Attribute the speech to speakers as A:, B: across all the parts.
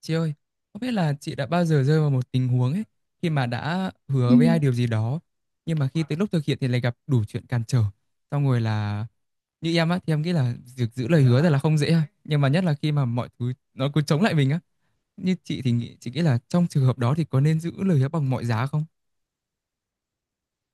A: Chị ơi, không biết là chị đã bao giờ rơi vào một tình huống ấy khi mà đã
B: Ừ,
A: hứa với ai điều gì đó nhưng mà khi tới lúc thực hiện thì lại gặp đủ chuyện cản trở. Xong rồi là như em á thì em nghĩ là việc giữ lời hứa thật là không dễ ha. Nhưng mà nhất là khi mà mọi thứ nó cứ chống lại mình á. Như chị thì chị nghĩ là trong trường hợp đó thì có nên giữ lời hứa bằng mọi giá không?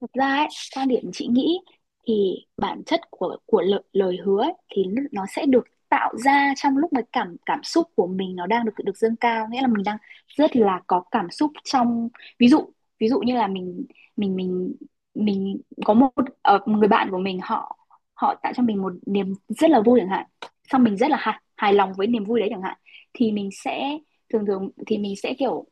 B: thật ra ấy, quan điểm chị nghĩ thì bản chất của lời hứa ấy, thì nó sẽ được tạo ra trong lúc mà cảm cảm xúc của mình nó đang được được dâng cao, nghĩa là mình đang rất là có cảm xúc trong. Ví dụ, ví dụ như là mình mình mình có một một người bạn của mình, họ họ tạo cho mình một niềm rất là vui chẳng hạn, xong mình rất là hài lòng với niềm vui đấy chẳng hạn. Thì mình sẽ, thường thường thì mình sẽ kiểu,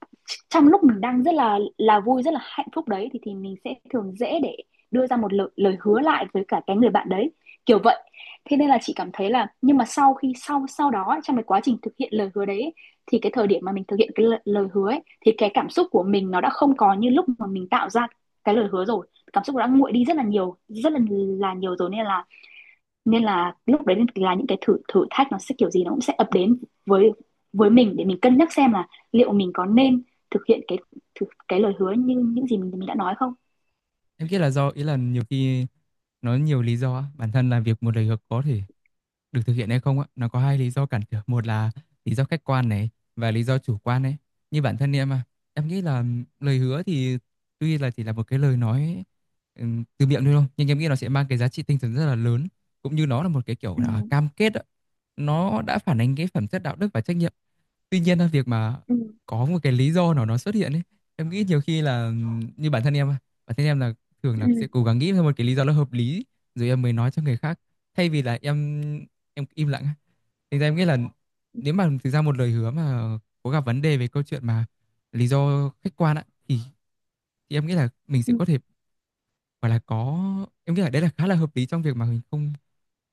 B: trong lúc mình đang rất là vui, rất là hạnh phúc đấy, thì mình sẽ thường dễ để đưa ra một lời hứa lại với cả cái người bạn đấy, kiểu vậy. Thế nên là chị cảm thấy là, nhưng mà sau khi sau sau đó, trong cái quá trình thực hiện lời hứa đấy, thì cái thời điểm mà mình thực hiện cái lời hứa ấy, thì cái cảm xúc của mình nó đã không còn như lúc mà mình tạo ra cái lời hứa rồi. Cảm xúc đã nguội đi rất là nhiều, rất là nhiều rồi, nên là, nên là lúc đấy là những cái thử thử thách nó sẽ kiểu gì nó cũng sẽ ập đến với với mình để mình cân nhắc xem là liệu mình có nên thực hiện cái cái lời hứa như những gì mình đã nói không.
A: Em nghĩ là do ý là nhiều khi nó nhiều lý do á, bản thân là việc một lời hứa có thể được thực hiện hay không á nó có hai lý do cản trở, một là lý do khách quan này và lý do chủ quan ấy. Như bản thân em à, em nghĩ là lời hứa thì tuy là chỉ là một cái lời nói, từ miệng thôi đâu nhưng em nghĩ nó sẽ mang cái giá trị tinh thần rất là lớn, cũng như nó là một cái kiểu
B: Ừ,
A: là cam kết á. Nó đã phản ánh cái phẩm chất đạo đức và trách nhiệm. Tuy nhiên là việc mà
B: ừ,
A: có một cái lý do nào nó xuất hiện ấy, em nghĩ nhiều khi là như bản thân em á, bản thân em là thường
B: ừ,
A: là sẽ cố gắng nghĩ ra một cái lý do nó hợp lý rồi em mới nói cho người khác, thay vì là em im lặng á. Thành ra em nghĩ là nếu mà thực ra một lời hứa mà có gặp vấn đề về câu chuyện mà lý do khách quan á thì em nghĩ là mình
B: ừ,
A: sẽ có thể gọi là có, em nghĩ là đấy là khá là hợp lý trong việc mà mình không,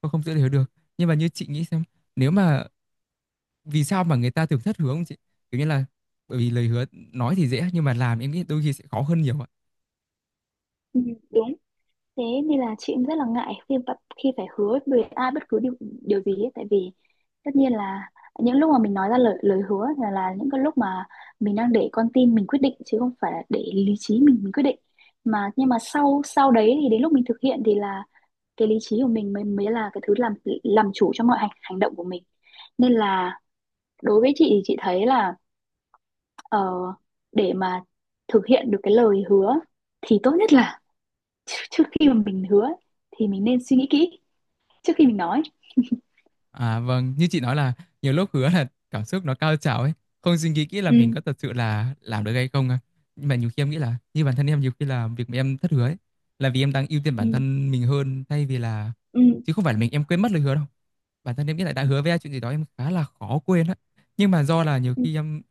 A: không giữ lời hứa được. Nhưng mà như chị nghĩ xem, nếu mà vì sao mà người ta thường thất hướng chị, kiểu như là bởi vì lời hứa nói thì dễ nhưng mà làm em nghĩ đôi khi sẽ khó hơn nhiều ạ.
B: ừ, đúng. Thế nên là chị cũng rất là ngại khi khi phải hứa với ai bất cứ điều điều gì ấy. Tại vì tất nhiên là những lúc mà mình nói ra lời lời hứa là những cái lúc mà mình đang để con tim mình quyết định chứ không phải là để lý trí mình quyết định. Mà nhưng mà sau sau đấy thì đến lúc mình thực hiện thì là cái lý trí của mình mới mới là cái thứ làm chủ cho mọi hành hành động của mình. Nên là đối với chị thì chị thấy là, ờ, để mà thực hiện được cái lời hứa thì tốt nhất là trước khi mà mình hứa thì mình nên suy nghĩ kỹ trước khi mình nói.
A: À vâng, như chị nói là nhiều lúc hứa là cảm xúc nó cao trào ấy, không suy nghĩ kỹ là mình
B: Ừ,
A: có thật sự là làm được hay không à. Nhưng mà nhiều khi em nghĩ là như bản thân em, nhiều khi là việc mà em thất hứa ấy là vì em đang ưu tiên
B: ừ,
A: bản thân mình hơn thay vì là,
B: ừ,
A: chứ không phải là mình em quên mất lời hứa đâu. Bản thân em nghĩ là đã hứa với ai chuyện gì đó em khá là khó quên á, nhưng mà do là nhiều
B: ừ,
A: khi em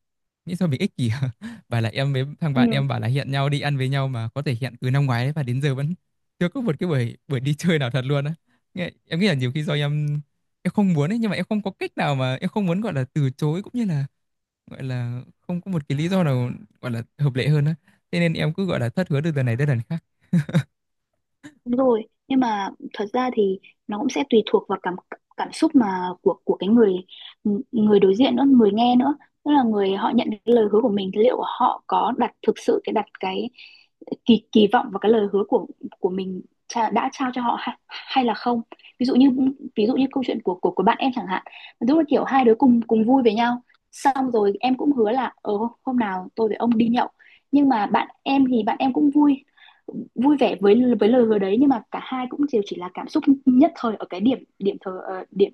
A: nghĩ sao mình ích kỷ và là em với thằng bạn
B: ừ.
A: em bảo là hẹn nhau đi ăn với nhau mà có thể hẹn từ năm ngoái đấy và đến giờ vẫn chưa có một cái buổi buổi đi chơi nào thật luôn á. Em nghĩ là nhiều khi do em không muốn ấy, nhưng mà em không có cách nào mà em không muốn gọi là từ chối, cũng như là gọi là không có một cái lý do nào gọi là hợp lệ hơn á, thế nên em cứ gọi là thất hứa từ lần này đến lần khác.
B: Đúng rồi, nhưng mà thật ra thì nó cũng sẽ tùy thuộc vào cảm cảm xúc mà của cái người người đối diện nữa, người nghe nữa. Tức là người họ nhận được cái lời hứa của mình thì liệu họ có đặt thực sự cái đặt cái kỳ kỳ vọng vào cái lời hứa của mình đã trao cho họ hay, hay là không. Ví dụ như, ví dụ như câu chuyện của bạn em chẳng hạn, lúc là kiểu hai đứa cùng cùng vui với nhau, xong rồi em cũng hứa là ờ hôm nào tôi với ông đi nhậu. Nhưng mà bạn em thì bạn em cũng vui, vui vẻ với lời hứa đấy, nhưng mà cả hai cũng đều chỉ là cảm xúc nhất thời ở cái điểm điểm thời điểm,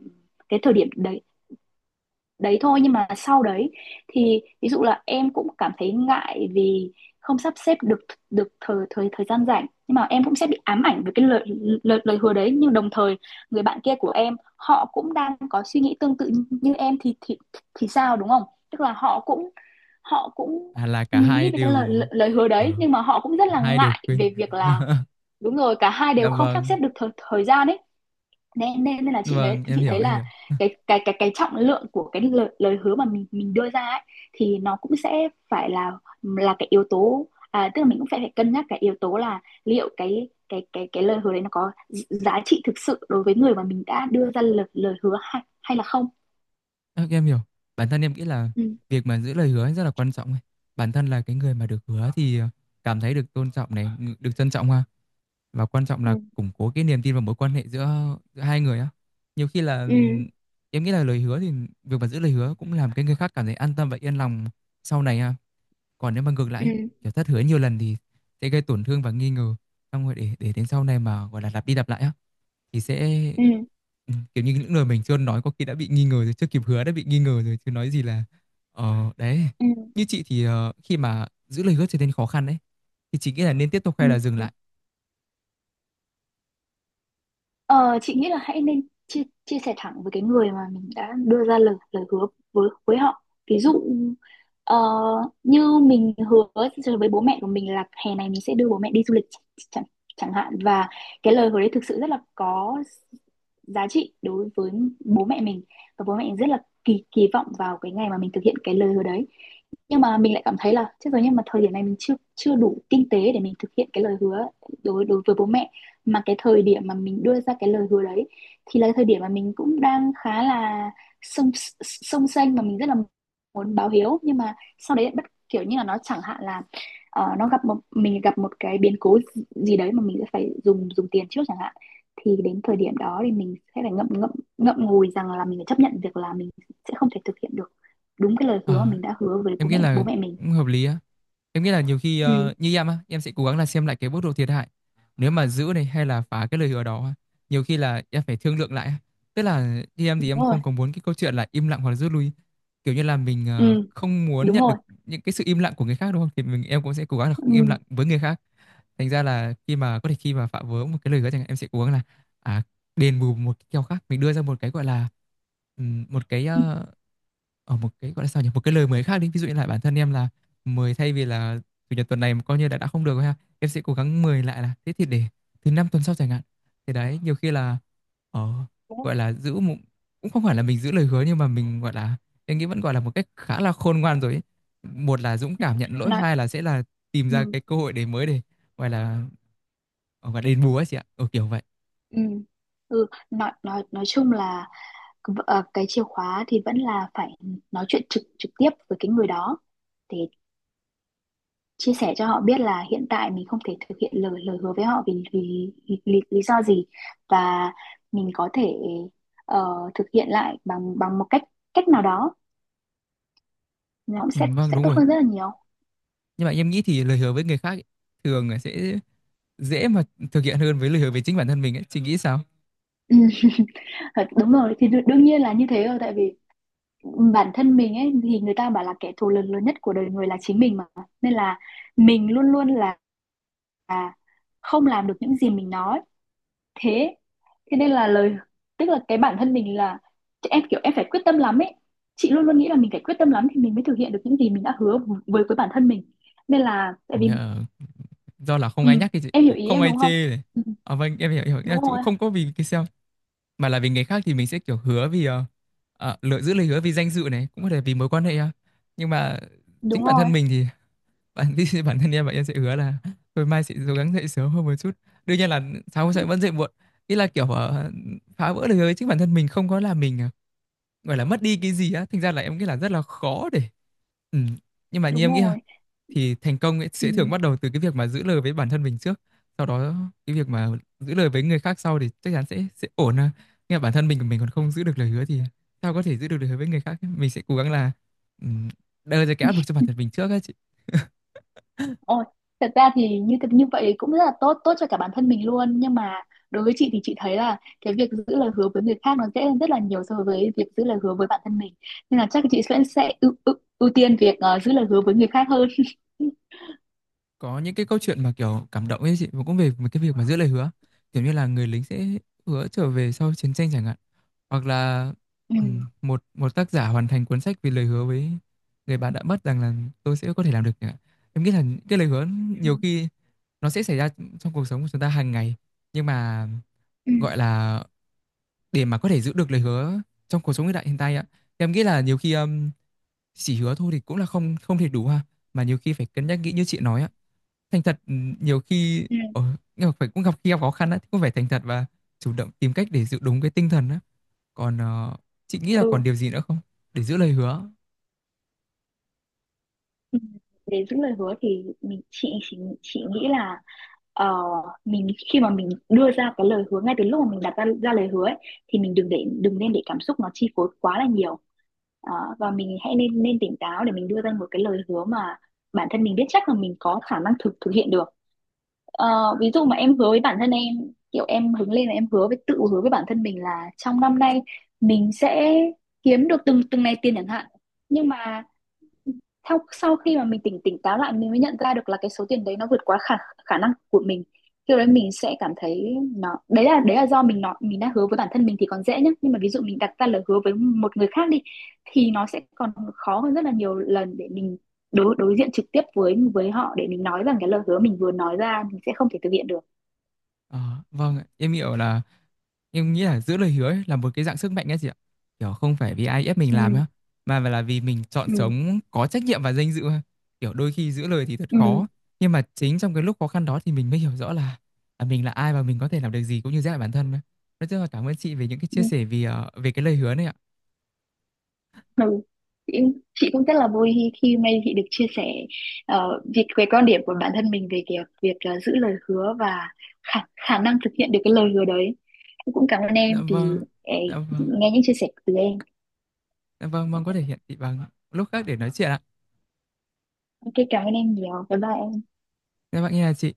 B: cái thời điểm đấy đấy thôi. Nhưng mà sau đấy thì ví dụ là em cũng cảm thấy ngại vì không sắp xếp được được thời thời thời gian rảnh, nhưng mà em cũng sẽ bị ám ảnh với cái lời lời, lời hứa đấy. Nhưng đồng thời người bạn kia của em họ cũng đang có suy nghĩ tương tự như em thì thì sao, đúng không? Tức là họ cũng, họ cũng
A: À là cả hai
B: nghĩ về cái
A: đều
B: lời lời hứa
A: À,
B: đấy nhưng mà họ cũng rất
A: cả
B: là
A: hai đều
B: ngại
A: quên.
B: về việc là, đúng rồi, cả hai
A: Dạ
B: đều không sắp xếp
A: vâng.
B: được thời gian ấy, nên nên nên là chị nghĩ,
A: Vâng, em
B: chị
A: hiểu,
B: thấy
A: em
B: là
A: hiểu.
B: cái trọng lượng của cái lời hứa mà mình đưa ra ấy, thì nó cũng sẽ phải là cái yếu tố, à, tức là mình cũng phải phải cân nhắc cái yếu tố là liệu cái lời hứa đấy nó có giá trị thực sự đối với người mà mình đã đưa ra lời lời hứa hay, hay là không.
A: Ơ, em hiểu. Bản thân em nghĩ là
B: Ừ,
A: việc mà giữ lời hứa ấy rất là quan trọng ấy. Bản thân là cái người mà được hứa thì cảm thấy được tôn trọng này, được trân trọng ha. Và quan trọng là
B: ừ,
A: củng cố cái niềm tin và mối quan hệ giữa, giữa hai người á. Nhiều khi là
B: ừ,
A: em nghĩ là lời hứa thì việc mà giữ lời hứa cũng làm cái người khác cảm thấy an tâm và yên lòng sau này ha. Còn nếu mà ngược lại,
B: ừ,
A: kiểu thất hứa nhiều lần thì sẽ gây tổn thương và nghi ngờ. Xong rồi để đến sau này mà gọi là lặp đi lặp lại á, thì sẽ
B: ừ,
A: kiểu như, những lời mình chưa nói có khi đã bị nghi ngờ rồi, chưa kịp hứa đã bị nghi ngờ rồi, chứ nói gì là đấy. Như chị thì, khi mà giữ lời hứa trở nên khó khăn đấy, thì chị nghĩ là nên tiếp tục
B: ừ.
A: hay là dừng lại?
B: Ờ, chị nghĩ là hãy nên chia chia sẻ thẳng với cái người mà mình đã đưa ra lời lời hứa với họ. Ví dụ ờ, như mình hứa với bố mẹ của mình là hè này mình sẽ đưa bố mẹ đi du lịch chẳng chẳng hạn, và cái lời hứa đấy thực sự rất là có giá trị đối với bố mẹ mình, và bố mẹ mình rất là kỳ kỳ vọng vào cái ngày mà mình thực hiện cái lời hứa đấy. Nhưng mà mình lại cảm thấy là chết rồi, nhưng mà thời điểm này mình chưa chưa đủ kinh tế để mình thực hiện cái lời hứa đối đối với bố mẹ. Mà cái thời điểm mà mình đưa ra cái lời hứa đấy thì là cái thời điểm mà mình cũng đang khá là sông, sông xanh mà mình rất là muốn báo hiếu. Nhưng mà sau đấy bất, kiểu như là nó chẳng hạn là ờ, nó gặp một, mình gặp một cái biến cố gì đấy mà mình sẽ phải dùng dùng tiền trước chẳng hạn, thì đến thời điểm đó thì mình sẽ phải ngậm ngậm ngậm ngùi rằng là mình phải chấp nhận việc là mình sẽ không thể thực hiện được đúng cái lời hứa mà
A: Ờ,
B: mình đã hứa với
A: em nghĩ
B: bố
A: là
B: mẹ mình.
A: cũng hợp lý á. Em nghĩ là nhiều khi
B: Ừ,
A: như em á, em sẽ cố gắng là xem lại cái mức độ thiệt hại. Nếu mà giữ này hay là phá cái lời hứa đó, nhiều khi là em phải thương lượng lại á. Tức là như em thì em
B: đúng rồi,
A: không có muốn cái câu chuyện là im lặng hoặc là rút lui. Kiểu như là mình
B: ừ,
A: không muốn
B: đúng
A: nhận được
B: rồi,
A: những cái sự im lặng của người khác đúng không? Thì em cũng sẽ cố gắng là không im
B: ừ,
A: lặng với người khác. Thành ra là khi mà có thể, khi mà phạm vỡ một cái lời hứa chẳng hạn, em sẽ cố gắng là à, đền bù một cái kèo khác. Mình đưa ra một cái gọi là một cái ở một cái gọi là sao nhỉ, một cái lời mới khác đi, ví dụ như là bản thân em là 10 thay vì là chủ nhật tuần này mà coi như đã không được rồi ha, em sẽ cố gắng 10 lại là thế thì để thứ năm tuần sau chẳng hạn. Thì đấy nhiều khi là ờ, gọi là giữ một, cũng không phải là mình giữ lời hứa nhưng mà mình gọi là em nghĩ vẫn gọi là một cách khá là khôn ngoan rồi ấy. Một là dũng cảm nhận lỗi,
B: nói,
A: hai là sẽ là tìm ra
B: ừ.
A: cái cơ hội để mới để gọi là gọi là đền bù ấy chị ạ, ừ, kiểu vậy.
B: Ừ. Ừ. Nói, nói chung là ờ, cái chìa khóa thì vẫn là phải nói chuyện trực trực tiếp với cái người đó, để chia sẻ cho họ biết là hiện tại mình không thể thực hiện lời lời hứa với họ vì vì, vì lý do gì, và mình có thể ờ, thực hiện lại bằng bằng một cách cách nào đó, nó cũng
A: Ừ,
B: sẽ
A: vâng
B: sẽ
A: đúng
B: tốt
A: rồi,
B: hơn rất là nhiều.
A: nhưng mà em nghĩ thì lời hứa với người khác ấy, thường là sẽ dễ mà thực hiện hơn với lời hứa với chính bản thân mình ấy, chị nghĩ sao?
B: Ừ. Thật, đúng rồi thì đương nhiên là như thế rồi, tại vì bản thân mình ấy thì người ta bảo là kẻ thù lớn lớn nhất của đời người là chính mình mà, nên là mình luôn luôn là không làm được những gì mình nói. Thế, thế nên là lời, tức là cái bản thân mình là, em kiểu em phải quyết tâm lắm ấy, chị luôn luôn nghĩ là mình phải quyết tâm lắm thì mình mới thực hiện được những gì mình đã hứa với bản thân mình, nên là tại
A: Ồ,
B: vì.
A: nghĩa là do là không
B: Ừ,
A: ai nhắc thì chị,
B: em hiểu
A: cũng
B: ý
A: không
B: em
A: ai
B: đúng không.
A: chê này.
B: Ừ, ừ,
A: À, vâng em hiểu, hiểu. Nghĩa là
B: đúng
A: cũng
B: rồi,
A: không có vì cái sao mà là vì người khác thì mình sẽ kiểu hứa vì lựa giữ lời hứa vì danh dự này, cũng có thể vì mối quan hệ à. Nhưng mà chính
B: đúng
A: bản
B: rồi,
A: thân mình thì bản bản thân em và em sẽ hứa là thôi mai sẽ cố gắng dậy sớm hơn một chút, đương nhiên là sáng sẽ vẫn dậy muộn. Ý là kiểu phá vỡ lời hứa với chính bản thân mình không có là mình gọi là mất đi cái gì á, thành ra là em nghĩ là rất là khó để ừ. Nhưng mà như
B: đúng
A: em nghĩ ha,
B: rồi,
A: thì thành công ấy
B: ừ.
A: sẽ thường bắt đầu từ cái việc mà giữ lời với bản thân mình trước, sau đó cái việc mà giữ lời với người khác sau thì chắc chắn sẽ ổn à. Nhưng mà bản thân mình của mình còn không giữ được lời hứa thì sao có thể giữ được lời hứa với người khác ấy. Mình sẽ cố gắng là ừm, đưa ra cái áp lực cho bản thân mình trước ấy chị.
B: Ôi, thật ra thì như vậy cũng rất là tốt tốt cho cả bản thân mình luôn, nhưng mà đối với chị thì chị thấy là cái việc giữ lời hứa với người khác nó dễ hơn rất là nhiều so với việc giữ lời hứa với bản thân mình, nên là chắc chị sẽ ưu tiên việc ờ, giữ lời hứa với người khác hơn.
A: Có những cái câu chuyện mà kiểu cảm động ấy chị, và cũng về một cái việc mà giữ lời hứa, kiểu như là người lính sẽ hứa trở về sau chiến tranh chẳng hạn, hoặc là
B: Ừ.
A: ừ, một một tác giả hoàn thành cuốn sách vì lời hứa với người bạn đã mất rằng là tôi sẽ có thể làm được chẳng hạn. Em nghĩ là những cái lời hứa
B: Ừ.
A: nhiều khi nó sẽ xảy ra trong cuộc sống của chúng ta hàng ngày, nhưng mà gọi là để mà có thể giữ được lời hứa trong cuộc sống hiện đại hiện tại ạ, em nghĩ là nhiều khi chỉ hứa thôi thì cũng là không không thể đủ ha, mà nhiều khi phải cân nhắc kỹ như chị nói ạ. Thành thật ừ, nhiều khi
B: Ừ.
A: nhưng mà phải cũng gặp khi gặp khó khăn á thì cũng phải thành thật và chủ động tìm cách để giữ đúng cái tinh thần á. Còn chị nghĩ là
B: Ừ.
A: còn điều gì nữa không để giữ lời hứa?
B: Ừ, để giữ lời hứa thì chị chị nghĩ là ờ, mình khi mà mình đưa ra cái lời hứa ngay từ lúc mà mình đặt ra lời hứa ấy, thì mình đừng để đừng nên để cảm xúc nó chi phối quá là nhiều. Ờ, và mình hãy nên nên tỉnh táo để mình đưa ra một cái lời hứa mà bản thân mình biết chắc là mình có khả năng thực thực hiện được. Ờ, ví dụ mà em hứa với bản thân em, kiểu em hứng lên là em hứa với, tự hứa với bản thân mình là trong năm nay mình sẽ kiếm được từng từng này tiền chẳng hạn. Nhưng mà sau sau khi mà mình tỉnh tỉnh táo lại mình mới nhận ra được là cái số tiền đấy nó vượt quá khả khả năng của mình. Khi đấy mình sẽ cảm thấy nó, đấy là do mình đã hứa với bản thân mình thì còn dễ nhá, nhưng mà ví dụ mình đặt ra lời hứa với một người khác đi thì nó sẽ còn khó hơn rất là nhiều lần để mình đối đối diện trực tiếp với họ để mình nói rằng cái lời hứa mình vừa nói ra mình sẽ không thể thực hiện được.
A: Ờ, vâng ạ. Em hiểu là em nghĩ là giữ lời hứa ấy là một cái dạng sức mạnh ấy chị ạ, kiểu không phải vì ai ép mình
B: Ừ,
A: làm á, mà là vì mình chọn
B: ừ,
A: sống có trách nhiệm và danh dự ha. Kiểu đôi khi giữ lời thì thật
B: ừ,
A: khó, nhưng mà chính trong cái lúc khó khăn đó thì mình mới hiểu rõ là mình là ai và mình có thể làm được gì cũng như giới hạn bản thân á. Nói chung là cảm ơn chị về những cái
B: ừ.
A: chia sẻ về về cái lời hứa này ạ.
B: Ừ. Chị, chị cũng rất là vui khi, khi hôm nay chị được chia sẻ ờ, việc về quan điểm của bản thân mình về việc ờ, giữ lời hứa và khả năng thực hiện được cái lời hứa đấy. Em cũng cảm ơn
A: Dạ
B: em vì
A: vâng.
B: ờ,
A: Dạ vâng.
B: nghe những chia sẻ từ em.
A: Dạ vâng, mong có thể hiện thị bằng lúc khác để nói chuyện ạ.
B: Ok, cảm ơn em nhiều. Bye bye em.
A: Dạ bạn nghe là chị.